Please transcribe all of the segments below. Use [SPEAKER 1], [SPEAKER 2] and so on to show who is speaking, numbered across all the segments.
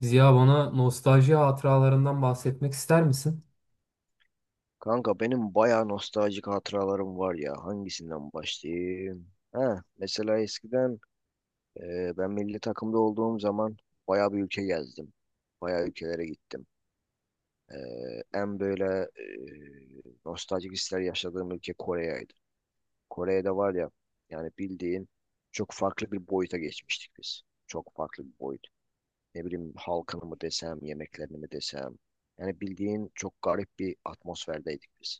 [SPEAKER 1] Ziya, bana nostalji hatıralarından bahsetmek ister misin?
[SPEAKER 2] Kanka benim bayağı nostaljik hatıralarım var ya. Hangisinden başlayayım? Ha, mesela eskiden ben milli takımda olduğum zaman bayağı bir ülke gezdim. Bayağı ülkelere gittim. E, en böyle nostaljik hisler yaşadığım ülke Kore'ydi. Kore'de var ya, yani bildiğin çok farklı bir boyuta geçmiştik biz. Çok farklı bir boyut. Ne bileyim halkını mı desem, yemeklerini mi desem. Yani bildiğin çok garip bir atmosferdeydik biz.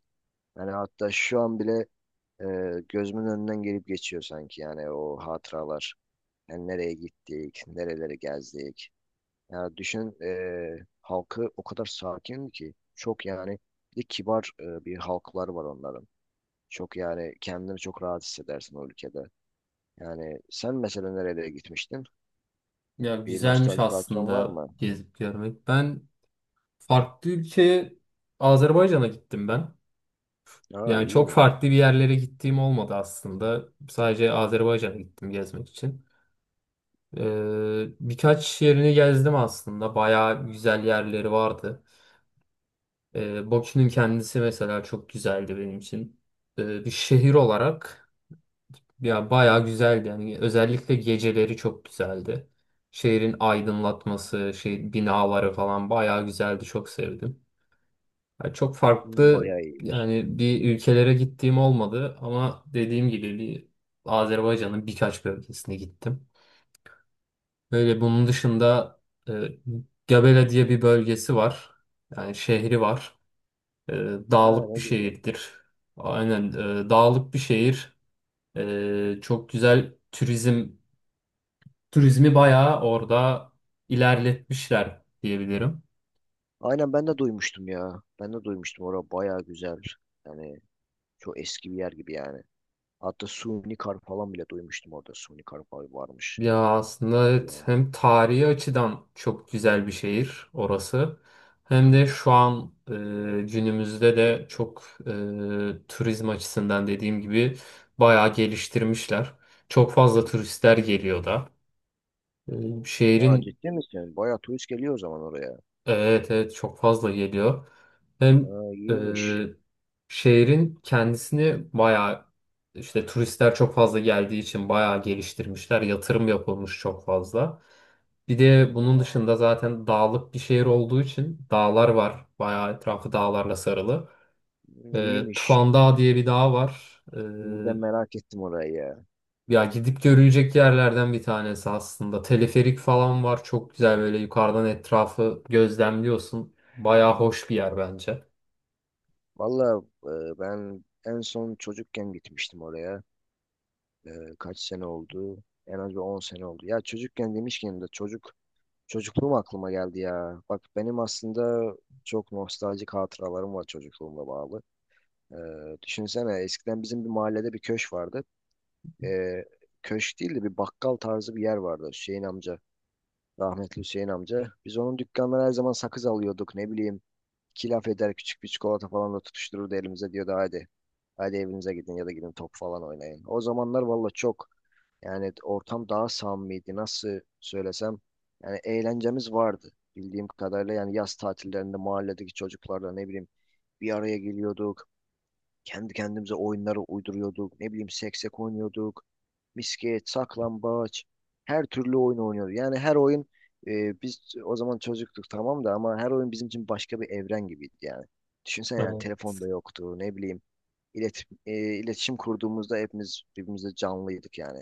[SPEAKER 2] Yani hatta şu an bile e, gözümün önünden gelip geçiyor sanki yani o hatıralar. Yani nereye gittik, nereleri gezdik. Yani düşün halkı o kadar sakin ki, çok yani bir de kibar bir halklar var onların. Çok yani kendini çok rahat hissedersin o ülkede. Yani sen mesela nerelere gitmiştin?
[SPEAKER 1] Ya,
[SPEAKER 2] Bir
[SPEAKER 1] güzelmiş
[SPEAKER 2] nostaljik hatıran var
[SPEAKER 1] aslında
[SPEAKER 2] mı?
[SPEAKER 1] gezip görmek. Ben farklı ülkeye Azerbaycan'a gittim ben.
[SPEAKER 2] Aa,
[SPEAKER 1] Yani çok
[SPEAKER 2] iyiymiş.
[SPEAKER 1] farklı bir yerlere gittiğim olmadı aslında. Sadece Azerbaycan'a gittim gezmek için. Birkaç yerini gezdim aslında. Bayağı güzel yerleri vardı. Bakü'nün kendisi mesela çok güzeldi benim için. Bir şehir olarak. Ya, bayağı güzeldi yani, özellikle geceleri çok güzeldi. Şehrin aydınlatması, şey binaları falan bayağı güzeldi, çok sevdim. Ya, çok
[SPEAKER 2] Hmm,
[SPEAKER 1] farklı
[SPEAKER 2] bayağı iyiymiş.
[SPEAKER 1] yani bir ülkelere gittiğim olmadı ama dediğim gibi bir Azerbaycan'ın birkaç bölgesine gittim. Böyle bunun dışında e, Gabela diye bir bölgesi var. Yani şehri var. E,
[SPEAKER 2] Ha,
[SPEAKER 1] Dağlık bir
[SPEAKER 2] ne güzel.
[SPEAKER 1] şehirdir. Aynen, dağlık bir şehir. Çok güzel turizm turizmi bayağı orada ilerletmişler diyebilirim.
[SPEAKER 2] Aynen, ben de duymuştum ya. Ben de duymuştum. Orası bayağı güzel. Yani çok eski bir yer gibi yani. Hatta suni kar falan bile duymuştum orada. Suni kar falan varmış.
[SPEAKER 1] Ya aslında
[SPEAKER 2] Ya.
[SPEAKER 1] evet, hem tarihi açıdan çok güzel bir şehir orası. Hem de şu an günümüzde de çok turizm açısından dediğim gibi bayağı geliştirmişler. Çok fazla turistler geliyor da. E,
[SPEAKER 2] Ha,
[SPEAKER 1] şehrin
[SPEAKER 2] ciddi misin? Bayağı turist geliyor o zaman oraya.
[SPEAKER 1] Evet, evet, çok fazla geliyor. Hem
[SPEAKER 2] Ha, iyiymiş.
[SPEAKER 1] e, şehrin kendisini bayağı, işte turistler çok fazla geldiği için bayağı geliştirmişler. Yatırım yapılmış çok fazla. Bir de bunun dışında zaten dağlık bir şehir olduğu için dağlar var. Bayağı etrafı dağlarla sarılı.
[SPEAKER 2] Hmm, İyiymiş.
[SPEAKER 1] Tufan Dağı diye bir dağ var.
[SPEAKER 2] Şimdiden merak ettim orayı ya.
[SPEAKER 1] Ya, gidip görülecek yerlerden bir tanesi aslında. Teleferik falan var. Çok güzel, böyle yukarıdan etrafı gözlemliyorsun. Bayağı hoş bir yer bence.
[SPEAKER 2] Valla ben en son çocukken gitmiştim oraya. E, kaç sene oldu? En az bir 10 sene oldu. Ya çocukken demişken de çocukluğum aklıma geldi ya. Bak benim aslında çok nostaljik hatıralarım var çocukluğumla bağlı. E, düşünsene eskiden bizim bir mahallede bir köşk vardı. e, Köşk değil de bir bakkal tarzı bir yer vardı, Hüseyin amca. Rahmetli Hüseyin amca. Biz onun dükkanlara her zaman sakız alıyorduk, ne bileyim. İki laf eder, küçük bir çikolata falan da tutuştururdu elimize, diyordu hadi. Hadi evinize gidin ya da gidin top falan oynayın. O zamanlar valla çok yani ortam daha samimiydi, nasıl söylesem. Yani eğlencemiz vardı bildiğim kadarıyla, yani yaz tatillerinde mahalledeki çocuklarla ne bileyim bir araya geliyorduk. Kendi kendimize oyunları uyduruyorduk. Ne bileyim, seksek oynuyorduk. Misket, saklambaç. Her türlü oyun oynuyorduk. Yani her oyun, biz o zaman çocuktuk tamam da, ama her oyun bizim için başka bir evren gibiydi yani. Düşünsene, yani
[SPEAKER 1] Evet.
[SPEAKER 2] telefonda yoktu. Ne bileyim ilet, e, iletişim kurduğumuzda hepimiz birbirimize canlıydık yani.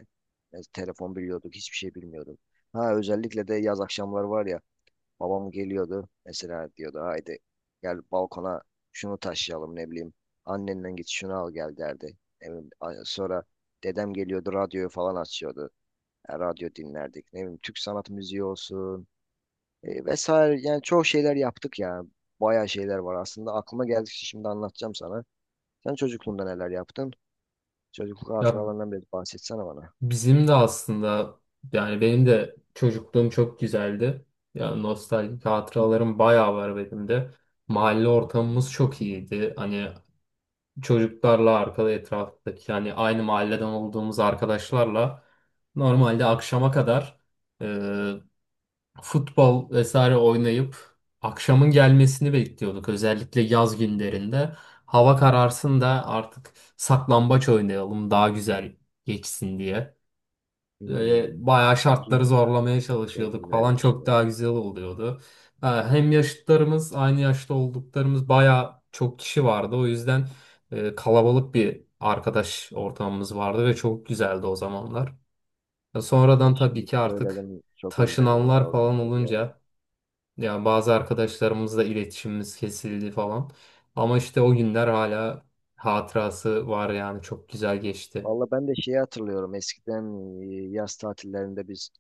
[SPEAKER 2] Yani telefon biliyorduk, hiçbir şey bilmiyorduk. Ha, özellikle de yaz akşamları var ya. Babam geliyordu mesela, diyordu haydi, gel balkona, şunu taşıyalım, ne bileyim, annenden git şunu al gel, derdi. Ne bileyim, sonra dedem geliyordu, radyoyu falan açıyordu. E, radyo dinlerdik, ne bileyim Türk sanat müziği olsun vesaire, yani çok şeyler yaptık ya. Bayağı şeyler var aslında, aklıma geldikçe şimdi anlatacağım sana. Sen çocukluğunda neler yaptın? Çocukluk
[SPEAKER 1] Ya
[SPEAKER 2] hatıralarından biraz bahsetsene bana.
[SPEAKER 1] bizim de aslında, yani benim de çocukluğum çok güzeldi. Ya, nostaljik hatıralarım bayağı var benim de. Mahalle ortamımız çok iyiydi. Hani çocuklarla arkada etraftaki yani aynı mahalleden olduğumuz arkadaşlarla normalde akşama kadar futbol vesaire oynayıp akşamın gelmesini bekliyorduk. Özellikle yaz günlerinde. Hava kararsın da artık saklambaç oynayalım, daha güzel geçsin diye.
[SPEAKER 2] Hmm.
[SPEAKER 1] Böyle bayağı şartları zorlamaya
[SPEAKER 2] Çok
[SPEAKER 1] çalışıyorduk falan,
[SPEAKER 2] güzelmiş
[SPEAKER 1] çok
[SPEAKER 2] ya.
[SPEAKER 1] daha güzel oluyordu. Ha, hem yaşıtlarımız, aynı yaşta olduklarımız bayağı çok kişi vardı. O yüzden kalabalık bir arkadaş ortamımız vardı ve çok güzeldi o zamanlar. Ya,
[SPEAKER 2] Ya
[SPEAKER 1] sonradan tabii
[SPEAKER 2] şimdi
[SPEAKER 1] ki artık
[SPEAKER 2] söyledim, çok özledim ya
[SPEAKER 1] taşınanlar
[SPEAKER 2] o
[SPEAKER 1] falan
[SPEAKER 2] günleri ya.
[SPEAKER 1] olunca ya bazı arkadaşlarımızla iletişimimiz kesildi falan. Ama işte o günler hala hatırası var, yani çok güzel geçti.
[SPEAKER 2] Valla ben de şeyi hatırlıyorum. Eskiden yaz tatillerinde biz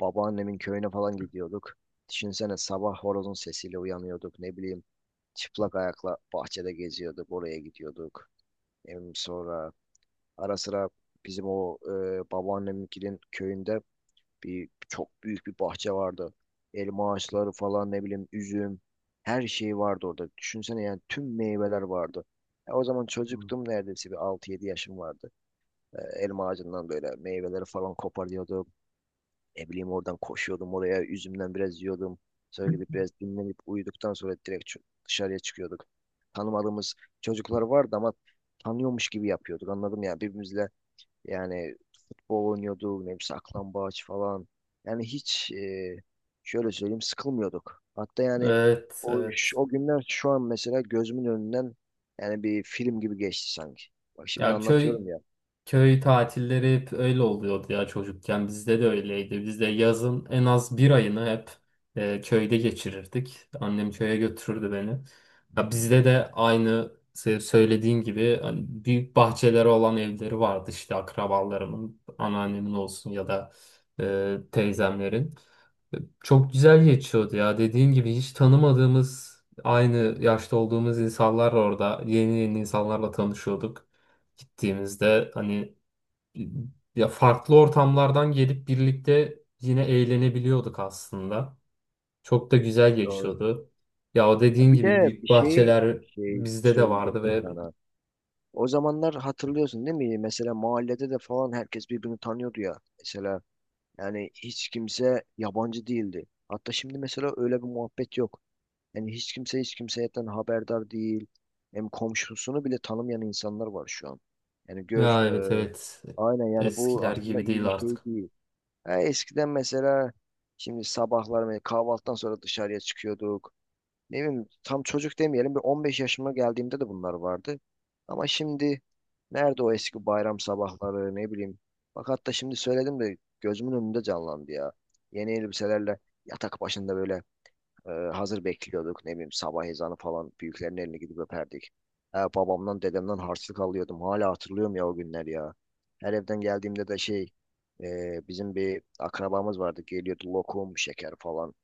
[SPEAKER 2] babaannemin köyüne falan gidiyorduk. Düşünsene, sabah horozun sesiyle uyanıyorduk. Ne bileyim, çıplak ayakla bahçede geziyorduk. Oraya gidiyorduk. Hem sonra ara sıra bizim o babaanneminkinin köyünde bir çok büyük bir bahçe vardı. Elma ağaçları falan, ne bileyim üzüm, her şey vardı orada. Düşünsene yani tüm meyveler vardı. Ya o zaman
[SPEAKER 1] Hmm.
[SPEAKER 2] çocuktum, neredeyse bir altı yedi yaşım vardı. E, elma ağacından böyle meyveleri falan koparıyordum. Ne bileyim, oradan koşuyordum oraya. Üzümden biraz yiyordum. Sonra gidip biraz dinlenip uyuduktan sonra direkt dışarıya çıkıyorduk. Tanımadığımız çocuklar vardı ama tanıyormuş gibi yapıyorduk. Anladım ya birbirimizle, yani futbol oynuyorduk. Ne bileyim saklambaç falan. Yani hiç şöyle söyleyeyim, sıkılmıyorduk. Hatta yani
[SPEAKER 1] Evet,
[SPEAKER 2] o,
[SPEAKER 1] evet.
[SPEAKER 2] o günler şu an mesela gözümün önünden yani bir film gibi geçti sanki. Bak şimdi
[SPEAKER 1] Ya,
[SPEAKER 2] anlatıyorum ya.
[SPEAKER 1] köy tatilleri hep öyle oluyordu ya çocukken. Bizde de öyleydi. Biz de yazın en az bir ayını hep köyde geçirirdik. Annem köye götürürdü beni. Ya bizde de aynı söylediğin gibi hani büyük bahçeleri olan evleri vardı işte akrabalarımın, anneannemin olsun ya da teyzemlerin. E, Çok güzel geçiyordu ya. Dediğin gibi hiç tanımadığımız, aynı yaşta olduğumuz insanlar orada. Yeni yeni insanlarla tanışıyorduk. Gittiğimizde hani ya farklı ortamlardan gelip birlikte yine eğlenebiliyorduk aslında. Çok da güzel
[SPEAKER 2] Doğru.
[SPEAKER 1] geçiyordu. Ya, o dediğin
[SPEAKER 2] Bir
[SPEAKER 1] gibi
[SPEAKER 2] de
[SPEAKER 1] büyük
[SPEAKER 2] bir
[SPEAKER 1] bahçeler
[SPEAKER 2] şey
[SPEAKER 1] bizde de vardı
[SPEAKER 2] söyleyecektim
[SPEAKER 1] ve
[SPEAKER 2] sana. O zamanlar hatırlıyorsun değil mi? Mesela mahallede de falan herkes birbirini tanıyordu ya. Mesela yani hiç kimse yabancı değildi. Hatta şimdi mesela öyle bir muhabbet yok. Yani hiç kimse hiç kimseyden haberdar değil. Hem komşusunu bile tanımayan insanlar var şu an. Yani gör
[SPEAKER 1] ya evet,
[SPEAKER 2] e,
[SPEAKER 1] evet,
[SPEAKER 2] aynen yani bu
[SPEAKER 1] eskiler
[SPEAKER 2] aslında
[SPEAKER 1] gibi
[SPEAKER 2] iyi
[SPEAKER 1] değil
[SPEAKER 2] bir şey
[SPEAKER 1] artık.
[SPEAKER 2] değil. Ha, eskiden mesela şimdi sabahlar mesela kahvaltıdan sonra dışarıya çıkıyorduk, ne bileyim tam çocuk demeyelim, bir 15 yaşıma geldiğimde de bunlar vardı. Ama şimdi nerede o eski bayram sabahları, ne bileyim. Bak hatta şimdi söyledim de gözümün önünde canlandı ya. Yeni elbiselerle yatak başında böyle hazır bekliyorduk. Ne bileyim, sabah ezanı falan, büyüklerin eline gidip öperdik. Ha, babamdan dedemden harçlık alıyordum. Hala hatırlıyorum ya o günler ya. Her evden geldiğimde de bizim bir akrabamız vardı. Geliyordu lokum, şeker falan.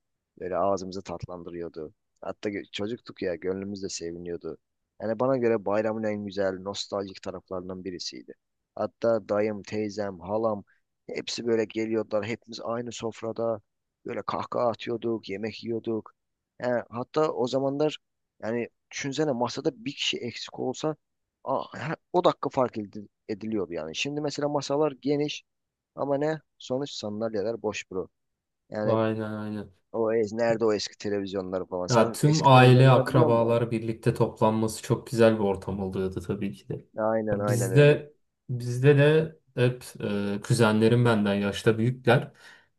[SPEAKER 2] Böyle ağzımızı tatlandırıyordu. Hatta çocuktuk ya, gönlümüz de seviniyordu. Yani bana göre bayramın en güzel nostaljik taraflarından birisiydi. Hatta dayım, teyzem, halam, hepsi böyle geliyordular. Hepimiz aynı sofrada böyle kahkaha atıyorduk, yemek yiyorduk. Yani hatta o zamanlar, yani düşünsene, masada bir kişi eksik olsa o dakika ediliyordu yani. Şimdi mesela masalar geniş ama ne? Sonuç sandalyeler boş bro. Yani
[SPEAKER 1] Aynen, aynen.
[SPEAKER 2] o ez nerede o eski televizyonları falan.
[SPEAKER 1] Ya,
[SPEAKER 2] Sen
[SPEAKER 1] tüm
[SPEAKER 2] eski
[SPEAKER 1] aile,
[SPEAKER 2] televizyonları biliyor musun?
[SPEAKER 1] akrabalar birlikte toplanması çok güzel bir ortam oluyordu tabii ki de.
[SPEAKER 2] Aynen,
[SPEAKER 1] Ya
[SPEAKER 2] aynen öyle.
[SPEAKER 1] Bizde bizde de hep kuzenlerim benden yaşta büyükler.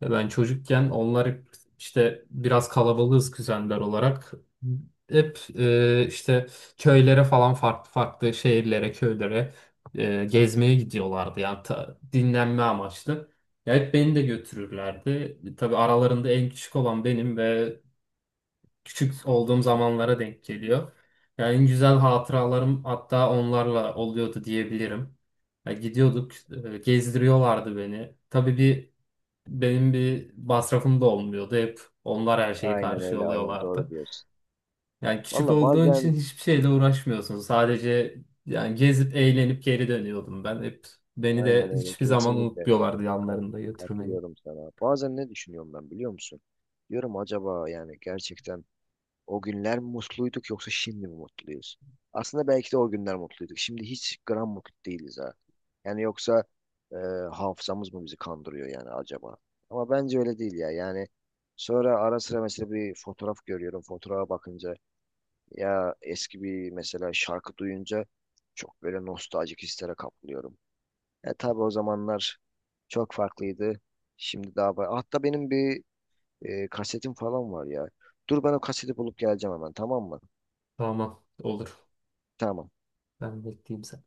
[SPEAKER 1] Ve ben çocukken onlar hep işte biraz kalabalığız kuzenler olarak. Hep işte köylere falan, farklı farklı şehirlere, köylere gezmeye gidiyorlardı. Yani dinlenme amaçlı. Ya hep beni de götürürlerdi. Tabii aralarında en küçük olan benim ve küçük olduğum zamanlara denk geliyor. Yani en güzel hatıralarım hatta onlarla oluyordu diyebilirim. Ya, gidiyorduk, gezdiriyorlardı beni. Tabii benim bir masrafım da olmuyordu. Hep onlar her şeyi
[SPEAKER 2] Aynen öyle, aynen doğru
[SPEAKER 1] karşılıyorlardı.
[SPEAKER 2] diyorsun.
[SPEAKER 1] Yani küçük
[SPEAKER 2] Valla
[SPEAKER 1] olduğun için
[SPEAKER 2] bazen
[SPEAKER 1] hiçbir şeyle uğraşmıyorsun. Sadece yani gezip eğlenip geri dönüyordum ben. Hep beni de
[SPEAKER 2] aynen öyle,
[SPEAKER 1] hiçbir zaman
[SPEAKER 2] kesinlikle
[SPEAKER 1] unutmuyorlardı
[SPEAKER 2] kat-
[SPEAKER 1] yanlarında götürmeyi.
[SPEAKER 2] katılıyorum sana. Bazen ne düşünüyorum ben biliyor musun? Diyorum acaba yani gerçekten o günler mutluyduk yoksa şimdi mi mutluyuz? Aslında belki de o günler mutluyduk. Şimdi hiç gram mutlu değiliz ha. Yani yoksa e, hafızamız mı bizi kandırıyor yani acaba? Ama bence öyle değil ya. Yani sonra ara sıra mesela bir fotoğraf görüyorum. Fotoğrafa bakınca ya eski bir mesela şarkı duyunca çok böyle nostaljik hislere kapılıyorum. E tabii o zamanlar çok farklıydı. Şimdi daha hatta benim bir kasetim falan var ya. Dur ben o kaseti bulup geleceğim hemen, tamam mı?
[SPEAKER 1] Tamam, olur.
[SPEAKER 2] Tamam.
[SPEAKER 1] Ben bekleyeyim sen.